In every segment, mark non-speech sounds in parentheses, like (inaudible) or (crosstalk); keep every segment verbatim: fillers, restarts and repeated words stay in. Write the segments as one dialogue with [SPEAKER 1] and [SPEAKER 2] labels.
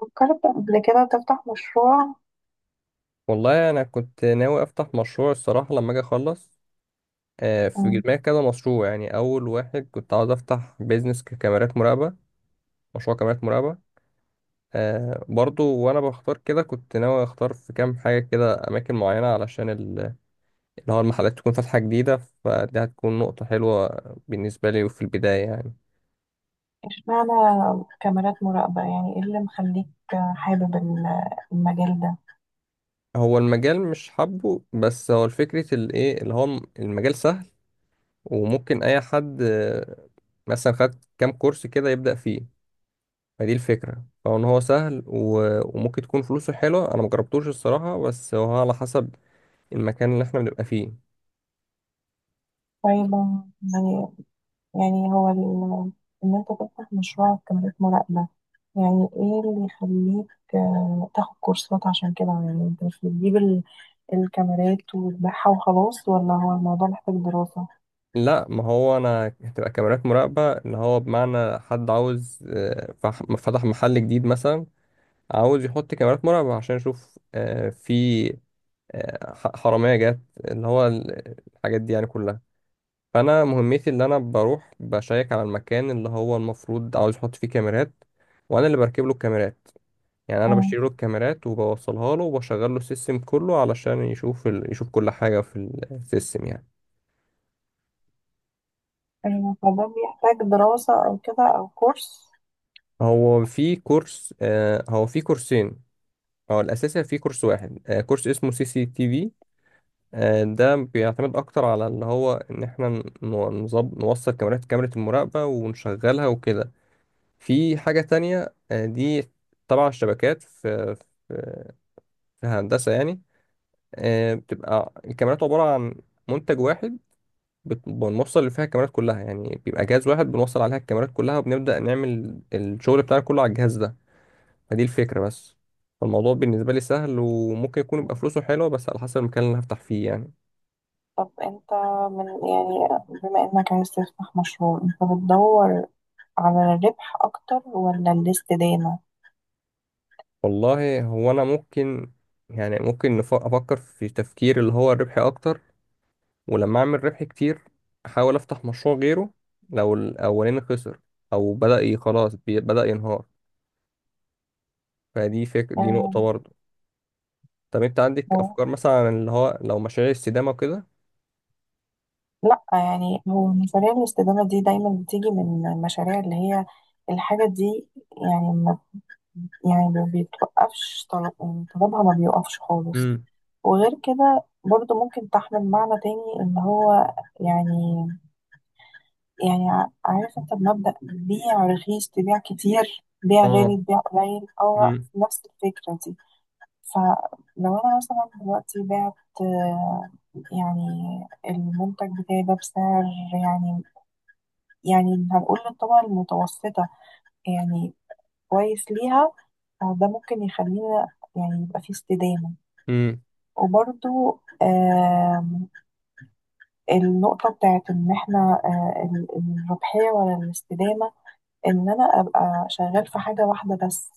[SPEAKER 1] فكرت قبل كده تفتح مشروع؟
[SPEAKER 2] والله انا كنت ناوي افتح مشروع الصراحه لما اجي اخلص. آه، في
[SPEAKER 1] مم.
[SPEAKER 2] دماغي كذا مشروع، يعني اول واحد كنت عاوز افتح بيزنس ككاميرات مراقبه. مشروع كاميرات مراقبه. آه، برضو وانا بختار كده كنت ناوي اختار في كام حاجه كده، اماكن معينه علشان ال- اللي هو المحلات تكون فاتحه جديده. فدي هتكون نقطه حلوه بالنسبه لي في البدايه يعني.
[SPEAKER 1] اشمعنى كاميرات مراقبة، يعني ايه اللي مخليك حابب ال- المجال ده؟
[SPEAKER 2] هو المجال مش حابه، بس هو الفكرة الايه اللي هو المجال سهل وممكن اي حد، آه، مثلا خد كام كورس كده يبدأ فيه. فدي الفكرة، فهو ان هو سهل و... وممكن تكون فلوسه حلوة. انا مجربتوش الصراحة، بس هو على حسب المكان اللي احنا بنبقى فيه.
[SPEAKER 1] طيب، يعني يعني هو ال- ان انت تفتح مشروع كاميرات مراقبة، يعني ايه اللي يخليك آه، تاخد كورسات عشان كده؟ يعني انت مش بتجيب ال- الكاميرات وتبيعها وخلاص، ولا هو الموضوع محتاج دراسة؟
[SPEAKER 2] لا، ما هو انا هتبقى كاميرات مراقبة اللي هو بمعنى حد عاوز آه، فح- فتح محل جديد مثلا، عاوز يحط كاميرات مراقبة عشان يشوف آه، في آه، ح- حرامية جت، اللي هو ال- الحاجات دي يعني كلها. فانا مهمتي اللي انا بروح بشيك على المكان اللي هو المفروض عاوز يحط فيه كاميرات، وانا اللي بركب له الكاميرات. يعني انا
[SPEAKER 1] مم.
[SPEAKER 2] بشتري له الكاميرات وبوصلها له وبشغل له السيستم كله علشان يشوف ال... يشوف كل حاجه في السيستم يعني.
[SPEAKER 1] الموضوع بيحتاج دراسة او كده او كورس؟
[SPEAKER 2] هو في كورس، آه هو في كورسين. هو الاساسي في كورس واحد، آه كورس اسمه سي سي تي في. آه ده بيعتمد اكتر على اللي هو ان احنا ن- نظب... نوصل كاميرات كاميرا المراقبه ونشغلها وكده. في حاجه تانية آه دي. طبعا الشبكات في في في هندسه يعني. آه بتبقى الكاميرات عباره عن منتج واحد. بت- بنوصل اللي فيها الكاميرات كلها، يعني بيبقى جهاز واحد بنوصل عليها الكاميرات كلها وبنبدأ نعمل الشغل بتاعنا كله على الجهاز ده. فدي الفكرة بس. فالموضوع بالنسبة لي سهل وممكن يكون يبقى فلوسه حلوة، بس على حسب المكان اللي هفتح فيه يعني.
[SPEAKER 1] طب انت، من يعني، بما انك عايز تفتح مشروع، انت بتدور على الربح اكتر ولا الاستدامة؟
[SPEAKER 2] والله هو أنا ممكن، يعني ممكن نف- أفكر في تفكير اللي هو الربحي أكتر. ولما أعمل ربح كتير، أحاول أفتح مشروع غيره لو الأولاني خسر، أو بدأ ي- خلاص، بي- بدأ ينهار. فدي فكرة، دي
[SPEAKER 1] آه،
[SPEAKER 2] نقطة برضه. طب أنت عندك
[SPEAKER 1] هو-
[SPEAKER 2] أفكار مثلا عن اللي هو لو مشاريع استدامة وكده؟
[SPEAKER 1] لا، يعني هو مشاريع الاستدامة دي دايما بتيجي من المشاريع اللي هي الحاجة دي، يعني ما، يعني ما بيتوقفش طلب يعني طلبها ما بيوقفش خالص.
[SPEAKER 2] امم.
[SPEAKER 1] وغير كده برضو ممكن تحمل معنى تاني، ان هو يعني، يعني ع- عارف انت بمبدأ بيع رخيص تبيع كتير، بيع غالي
[SPEAKER 2] اه.
[SPEAKER 1] تبيع قليل. هو
[SPEAKER 2] امم.
[SPEAKER 1] نفس الفكرة دي. فلو انا مثلا دلوقتي بعت، آه، يعني، المنتج بتاعي ده بسعر، يعني، يعني هنقول للطبقة المتوسطة، يعني كويس ليها، آه، ده ممكن يخلينا، يعني، يبقى فيه استدامة.
[SPEAKER 2] امم.
[SPEAKER 1] وبرضو، آم، النقطة بتاعت إن إحنا، آه، ال- الربحية ولا الاستدامة، ان انا ابقى شغال في حاجه واحده بس،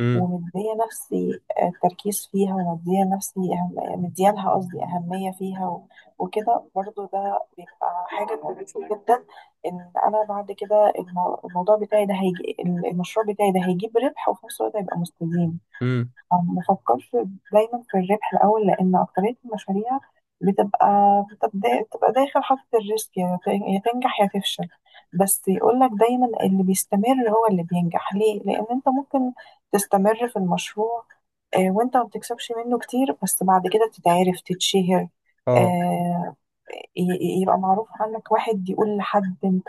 [SPEAKER 2] امم.
[SPEAKER 1] ومديه نفسي، آه، تركيز فيها، ومديه نفسي أهم... مديه لها قصدي اهميه فيها، و... وكده برضو، ده بيبقى حاجه كويسه جدا، ان انا بعد كده المو... الموضوع بتاعي ده هيجي المشروع بتاعي ده هيجيب ربح، وفي نفس الوقت هيبقى مستديم.
[SPEAKER 2] امم.
[SPEAKER 1] أو ما بفكرش دايما في الربح الأول، لأن أكترية المشاريع بتبقى، بتبقى بتبقى داخل حاطط الريسك، يا تن- يا تنجح يا تفشل. بس يقولك دايما اللي بيستمر هو اللي بينجح. ليه؟ لأن أنت ممكن تستمر في المشروع، آه، وأنت ما بتكسبش منه كتير، بس بعد كده تتعرف، تتشهر،
[SPEAKER 2] اه.
[SPEAKER 1] آه، ي- يبقى معروف عنك. واحد يقول لحد، انت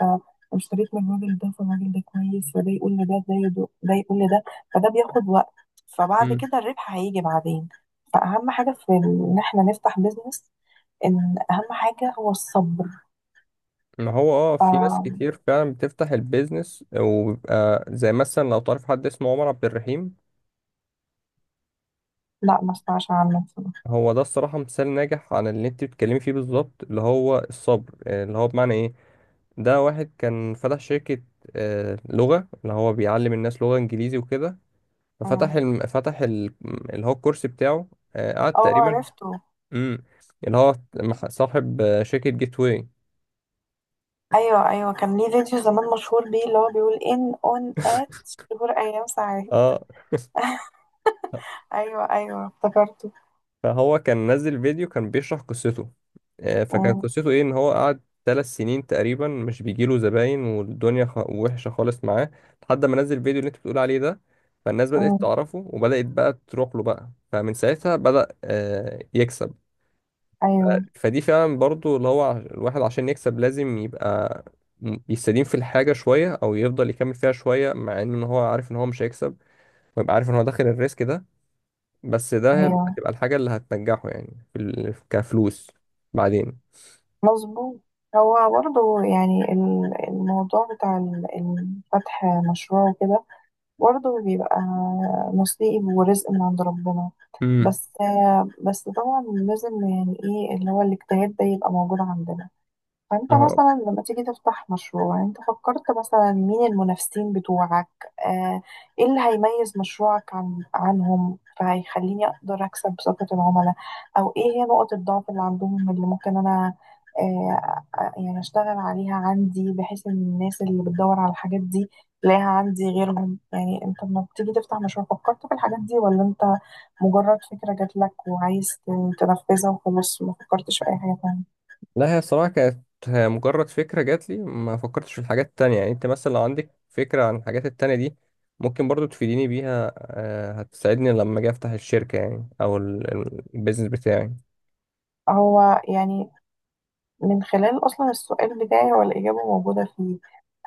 [SPEAKER 1] اشتريت من الراجل ده، فالراجل ده كويس، فده يقول لده، ده يدو- ده يقول لده، فده بياخد وقت. فبعد
[SPEAKER 2] امم.
[SPEAKER 1] كده الربح هيجي بعدين. فأهم حاجة في ال- إن احنا نفتح بيزنس، إن أهم حاجة هو الصبر.
[SPEAKER 2] ما هو اه في ناس
[SPEAKER 1] ف-
[SPEAKER 2] كتير فعلا بتفتح البيزنس وبيبقى زي مثلا لو تعرف حد اسمه عمر عبد الرحيم.
[SPEAKER 1] لا، ما اسمعش عنه بصراحة.
[SPEAKER 2] هو ده الصراحة مثال ناجح عن اللي انت بتتكلمي فيه بالظبط، اللي هو الصبر. آه، اللي هو بمعنى ايه، ده واحد كان فتح شركة آه، لغة، اللي هو بيعلم الناس لغة انجليزي وكده. ففتح
[SPEAKER 1] مم.
[SPEAKER 2] الم... فتح ال... اللي هو الكورس بتاعه، آه، قعد
[SPEAKER 1] اه،
[SPEAKER 2] تقريبا.
[SPEAKER 1] عرفته.
[SPEAKER 2] امم. اللي هو مح- صاحب آه، شركة جيت واي.
[SPEAKER 1] أيوه أيوه، كان ليه فيديو زمان مشهور بيه، اللي هو بيقول إن أون آت،
[SPEAKER 2] (laughs)
[SPEAKER 1] شهور، أيام، ساعات.
[SPEAKER 2] اه.
[SPEAKER 1] أيوه أيوه، افتكرته.
[SPEAKER 2] فهو كان نزل فيديو كان بيشرح قصته، آه، فكان
[SPEAKER 1] مم.
[SPEAKER 2] قصته ايه ان هو قعد ثلاث سنين تقريبا مش بيجيله زباين، والدنيا خ... وحشة خالص معاه. لحد ما نزل الفيديو اللي انت بتقول عليه ده، فالناس
[SPEAKER 1] مم.
[SPEAKER 2] بدأت تعرفه وبدأت بقى تروح له بقى، فمن ساعتها بدأ آه، يكسب.
[SPEAKER 1] أيوه
[SPEAKER 2] فدي فعلا برضو اللي هو ع- الواحد عشان يكسب لازم يبقى م- يستديم في الحاجة شوية، او يفضل يكمل فيها شوية مع ان هو عارف ان هو مش هيكسب، ويبقى عارف ان هو داخل الريسك ده. بس ده هيبقى-
[SPEAKER 1] أيوه،
[SPEAKER 2] هتبقى الحاجة اللي هتنجحه، يعني في ال... كفلوس بعدين.
[SPEAKER 1] مظبوط. هو برضه، يعني، ال- الموضوع بتاع ال- ال- فتح مشروع وكده، برضه بيبقى نصيب ورزق من عند ربنا.
[SPEAKER 2] امم.
[SPEAKER 1] بس، بس طبعا لازم، يعني، ايه اللي هو الاجتهاد ده يبقى موجود عندنا. فانت
[SPEAKER 2] اه.
[SPEAKER 1] مثلا لما تيجي تفتح مشروع، يعني انت فكرت مثلا مين المنافسين بتوعك؟ آه، ايه اللي هيميز مشروعك عن عنهم، فهيخليني اقدر اكسب ثقة العملاء؟ او ايه هي نقط الضعف اللي عندهم اللي ممكن انا، آه، آه، يعني، اشتغل عليها عندي، بحيث ان الناس اللي بتدور على الحاجات دي تلاقيها عندي غيرهم؟ يعني انت لما بتيجي تفتح مشروع فكرت في الحاجات دي، ولا انت مجرد فكرة جات لك وعايز تنفذها وخلاص، ما فكرتش في اي حاجة تانية؟
[SPEAKER 2] لا، هي الصراحة كانت مجرد فكرة جات لي، ما فكرتش في الحاجات التانية. يعني انت مثلا لو عندك فكرة عن الحاجات التانية دي، ممكن برضو تفيديني بيها، آه، هتساعدني لما اجي افتح الشركة يعني، او ال- ال- البيزنس بتاعي.
[SPEAKER 1] هو، يعني، من خلال أصلا السؤال بتاعي هو الإجابة موجودة فيه.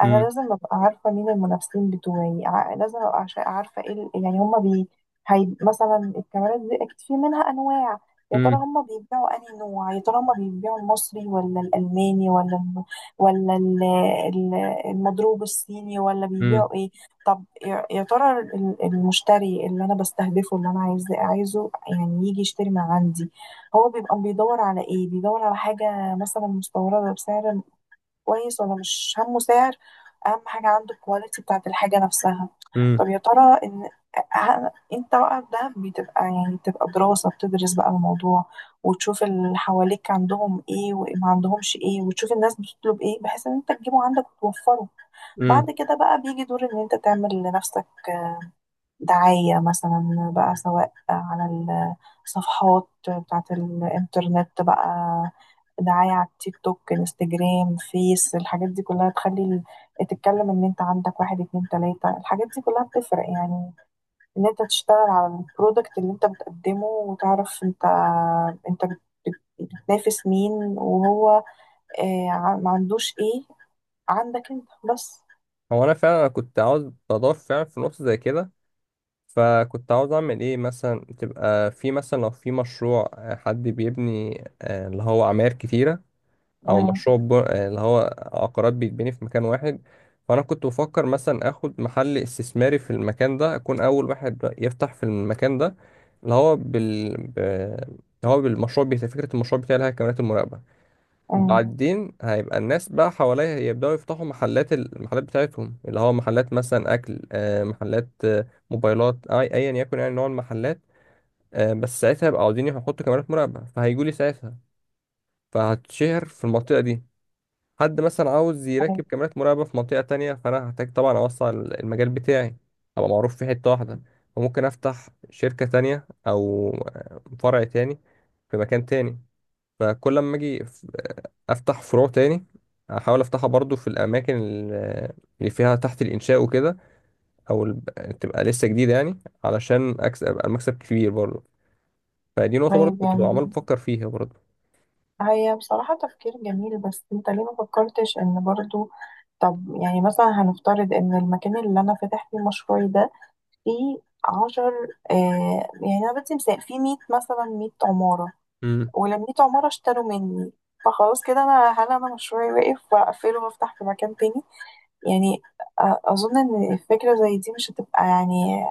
[SPEAKER 1] أنا
[SPEAKER 2] امم.
[SPEAKER 1] لازم أبقى عارفة مين المنافسين بتوعي، ع- لازم أبقى عش- عارفة إيه ال- يعني هما بي. هي مثلا الكاميرات دي أكيد في منها أنواع، يا ترى
[SPEAKER 2] امم.
[SPEAKER 1] هما بيبيعوا أنهي نوع؟ يا ترى هما بيبيعوا المصري ولا الألماني ولا الم- ولا ال- ال- المضروب الصيني، ولا
[SPEAKER 2] امم.
[SPEAKER 1] بيبيعوا إيه؟ طب، يا يا ترى ال- المشتري اللي أنا بستهدفه، اللي أنا عايز عايزه يعني يجي يشتري من عندي، هو بيبقى بيدور على ايه؟ بيدور على حاجة مثلا مستورده بسعر كويس، ولا مش همه سعر، اهم حاجه عنده الكواليتي بتاعت الحاجه نفسها؟ طب يا ترى ان، ه- انت بقى، ده بتبقى يعني بتبقى دراسه، بتدرس بقى الموضوع وتشوف اللي حواليك عندهم ايه وما عندهمش ايه، وتشوف الناس بتطلب ايه، بحيث ان انت تجيبه عندك وتوفره. بعد
[SPEAKER 2] امم.
[SPEAKER 1] كده بقى بيجي دور ان انت تعمل لنفسك دعاية مثلا بقى، سواء على الصفحات بتاعة الإنترنت بقى، دعاية على التيك توك، الانستجرام، فيس، الحاجات دي كلها تخلي ال- تتكلم ان انت عندك. واحد، اتنين، تلاتة، الحاجات دي كلها بتفرق يعني. ان انت تشتغل على البرودكت اللي انت بتقدمه، وتعرف انت، انت بت- بت- بتنافس مين، وهو آه، ع- ما عندوش ايه عندك انت بس.
[SPEAKER 2] هو انا فعلا أنا كنت عاوز اضاف فعلا في نقطة زي كده. فكنت عاوز اعمل ايه، مثلا تبقى في، مثلا لو في مشروع، آه، حد بيبني آه، اللي هو عماير كتيرة، او
[SPEAKER 1] مم.
[SPEAKER 2] مشروع ب- آه، اللي هو عقارات بيتبني في مكان واحد. فانا كنت بفكر مثلا اخد محل استثماري في المكان ده، اكون اول واحد يفتح في المكان ده اللي هو بال ب- اللي هو بالمشروع، بتاع فكرة المشروع بتاعي اللي هي كاميرات المراقبة.
[SPEAKER 1] مم.
[SPEAKER 2] بعدين هيبقى الناس بقى حواليها يبدأوا يفتحوا محلات المحلات بتاعتهم، اللي هو محلات مثلا أكل، آه، محلات آه، موبايلات، أي أيا يكن يعني نوع المحلات. آه، بس ساعتها يبقى عاوزين يحطوا كاميرات مراقبة، فهيجولي ساعتها، فهتشهر في المنطقة دي. حد مثلا عاوز
[SPEAKER 1] طيب
[SPEAKER 2] يركب كاميرات مراقبة في منطقة تانية، فأنا هحتاج طبعا أوسع المجال بتاعي، أبقى معروف في حتة واحدة. فممكن أفتح شركة تانية، أو آه، فرع تاني في مكان تاني. فكل لما اجي ف- افتح فروع تاني، احاول افتحها برضو في الاماكن ال- اللي فيها تحت الانشاء وكده، او ال- تبقى لسه جديده يعني، علشان اكسب ابقى المكسب كبير برضو. فدي نقطه برضو
[SPEAKER 1] طيب.
[SPEAKER 2] كنت
[SPEAKER 1] يعني
[SPEAKER 2] عمال بفكر فيها برضو.
[SPEAKER 1] هي بصراحة تفكير جميل، بس انت ليه ما فكرتش ان برضو، طب، يعني مثلا هنفترض ان المكان اللي انا فاتح فيه مشروعي ده فيه عشر آه، يعني انا بدي مثال فيه مية، مثلا مية عمارة،
[SPEAKER 2] مم.
[SPEAKER 1] ولما مية عمارة اشتروا مني، فخلاص كده انا، هل انا مشروعي واقف واقفله وافتح في مكان تاني؟ يعني آه، اظن ان فكرة زي دي مش هتبقى، يعني،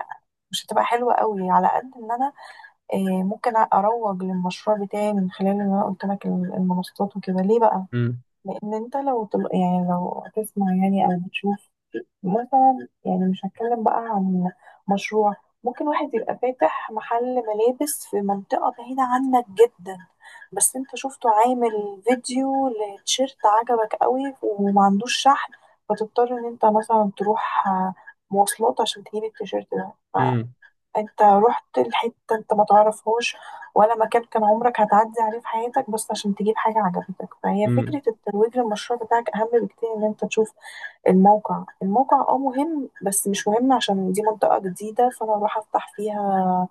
[SPEAKER 1] مش هتبقى حلوة قوي، على قد ان انا، آه، ممكن اروج للمشروع بتاعي من خلال ان انا قلت لك المنصات وكده. ليه بقى؟
[SPEAKER 2] مم.
[SPEAKER 1] لان انت لو تل... يعني لو هتسمع يعني او بتشوف، مثلا يعني، مش هتكلم بقى عن مشروع، ممكن واحد يبقى فاتح محل ملابس في منطقة بعيدة عنك جدا، بس انت شفته عامل فيديو لتيشيرت عجبك قوي، وما عندوش شحن، فتضطر ان انت مثلا تروح، آه، مواصلات، عشان تجيب التيشيرت ده.
[SPEAKER 2] مم.
[SPEAKER 1] انت رحت لحتة انت ما تعرفهاش ولا مكان كان عمرك هتعدي عليه في حياتك، بس عشان تجيب حاجة عجبتك. فهي
[SPEAKER 2] مم.
[SPEAKER 1] فكرة الترويج للمشروع بتاعك أهم بكتير إن أنت تشوف الموقع الموقع اه مهم، بس مش مهم عشان دي منطقة جديدة فأنا أروح أفتح فيها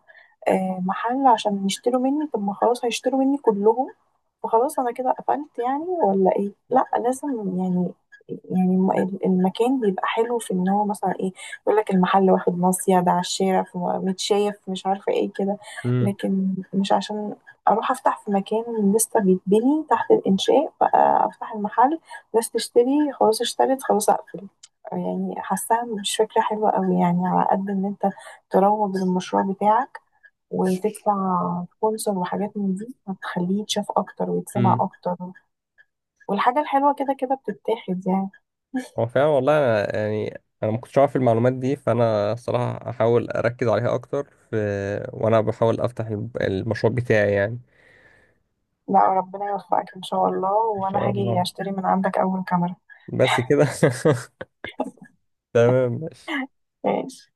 [SPEAKER 1] آه، محل عشان يشتروا مني. طب، ما خلاص هيشتروا مني كلهم، فخلاص انا كده قفلت يعني؟ ولا ايه؟ لا، لازم، يعني، يعني الم- المكان بيبقى حلو في ان هو مثلا ايه، يقول لك المحل واخد ناصية، ده على الشارع في متشاف، مش عارفة ايه كده،
[SPEAKER 2] مم.
[SPEAKER 1] لكن مش عشان اروح افتح في مكان لسه بيتبني تحت الانشاء بقى افتح المحل، ناس تشتري خلاص، اشترت، خلاص اقفل. يعني حاساها مش فكرة حلوة قوي، يعني على قد ان انت تروج للمشروع بتاعك وتدفع سبونسر وحاجات من دي، هتخليه يتشاف اكتر ويتسمع
[SPEAKER 2] مم.
[SPEAKER 1] اكتر، والحاجة الحلوة كده كده بتتاخد يعني.
[SPEAKER 2] هو فعلا والله. أنا يعني انا ما كنتش عارف المعلومات دي، فانا الصراحه هحاول اركز عليها اكتر، في وانا بحاول افتح الب- المشروع بتاعي يعني.
[SPEAKER 1] لا، ربنا يوفقك ان شاء الله،
[SPEAKER 2] ان
[SPEAKER 1] وانا
[SPEAKER 2] شاء
[SPEAKER 1] هاجي
[SPEAKER 2] الله.
[SPEAKER 1] اشتري من عندك اول كاميرا.
[SPEAKER 2] بس كده. (laughs) تمام.
[SPEAKER 1] ماشي.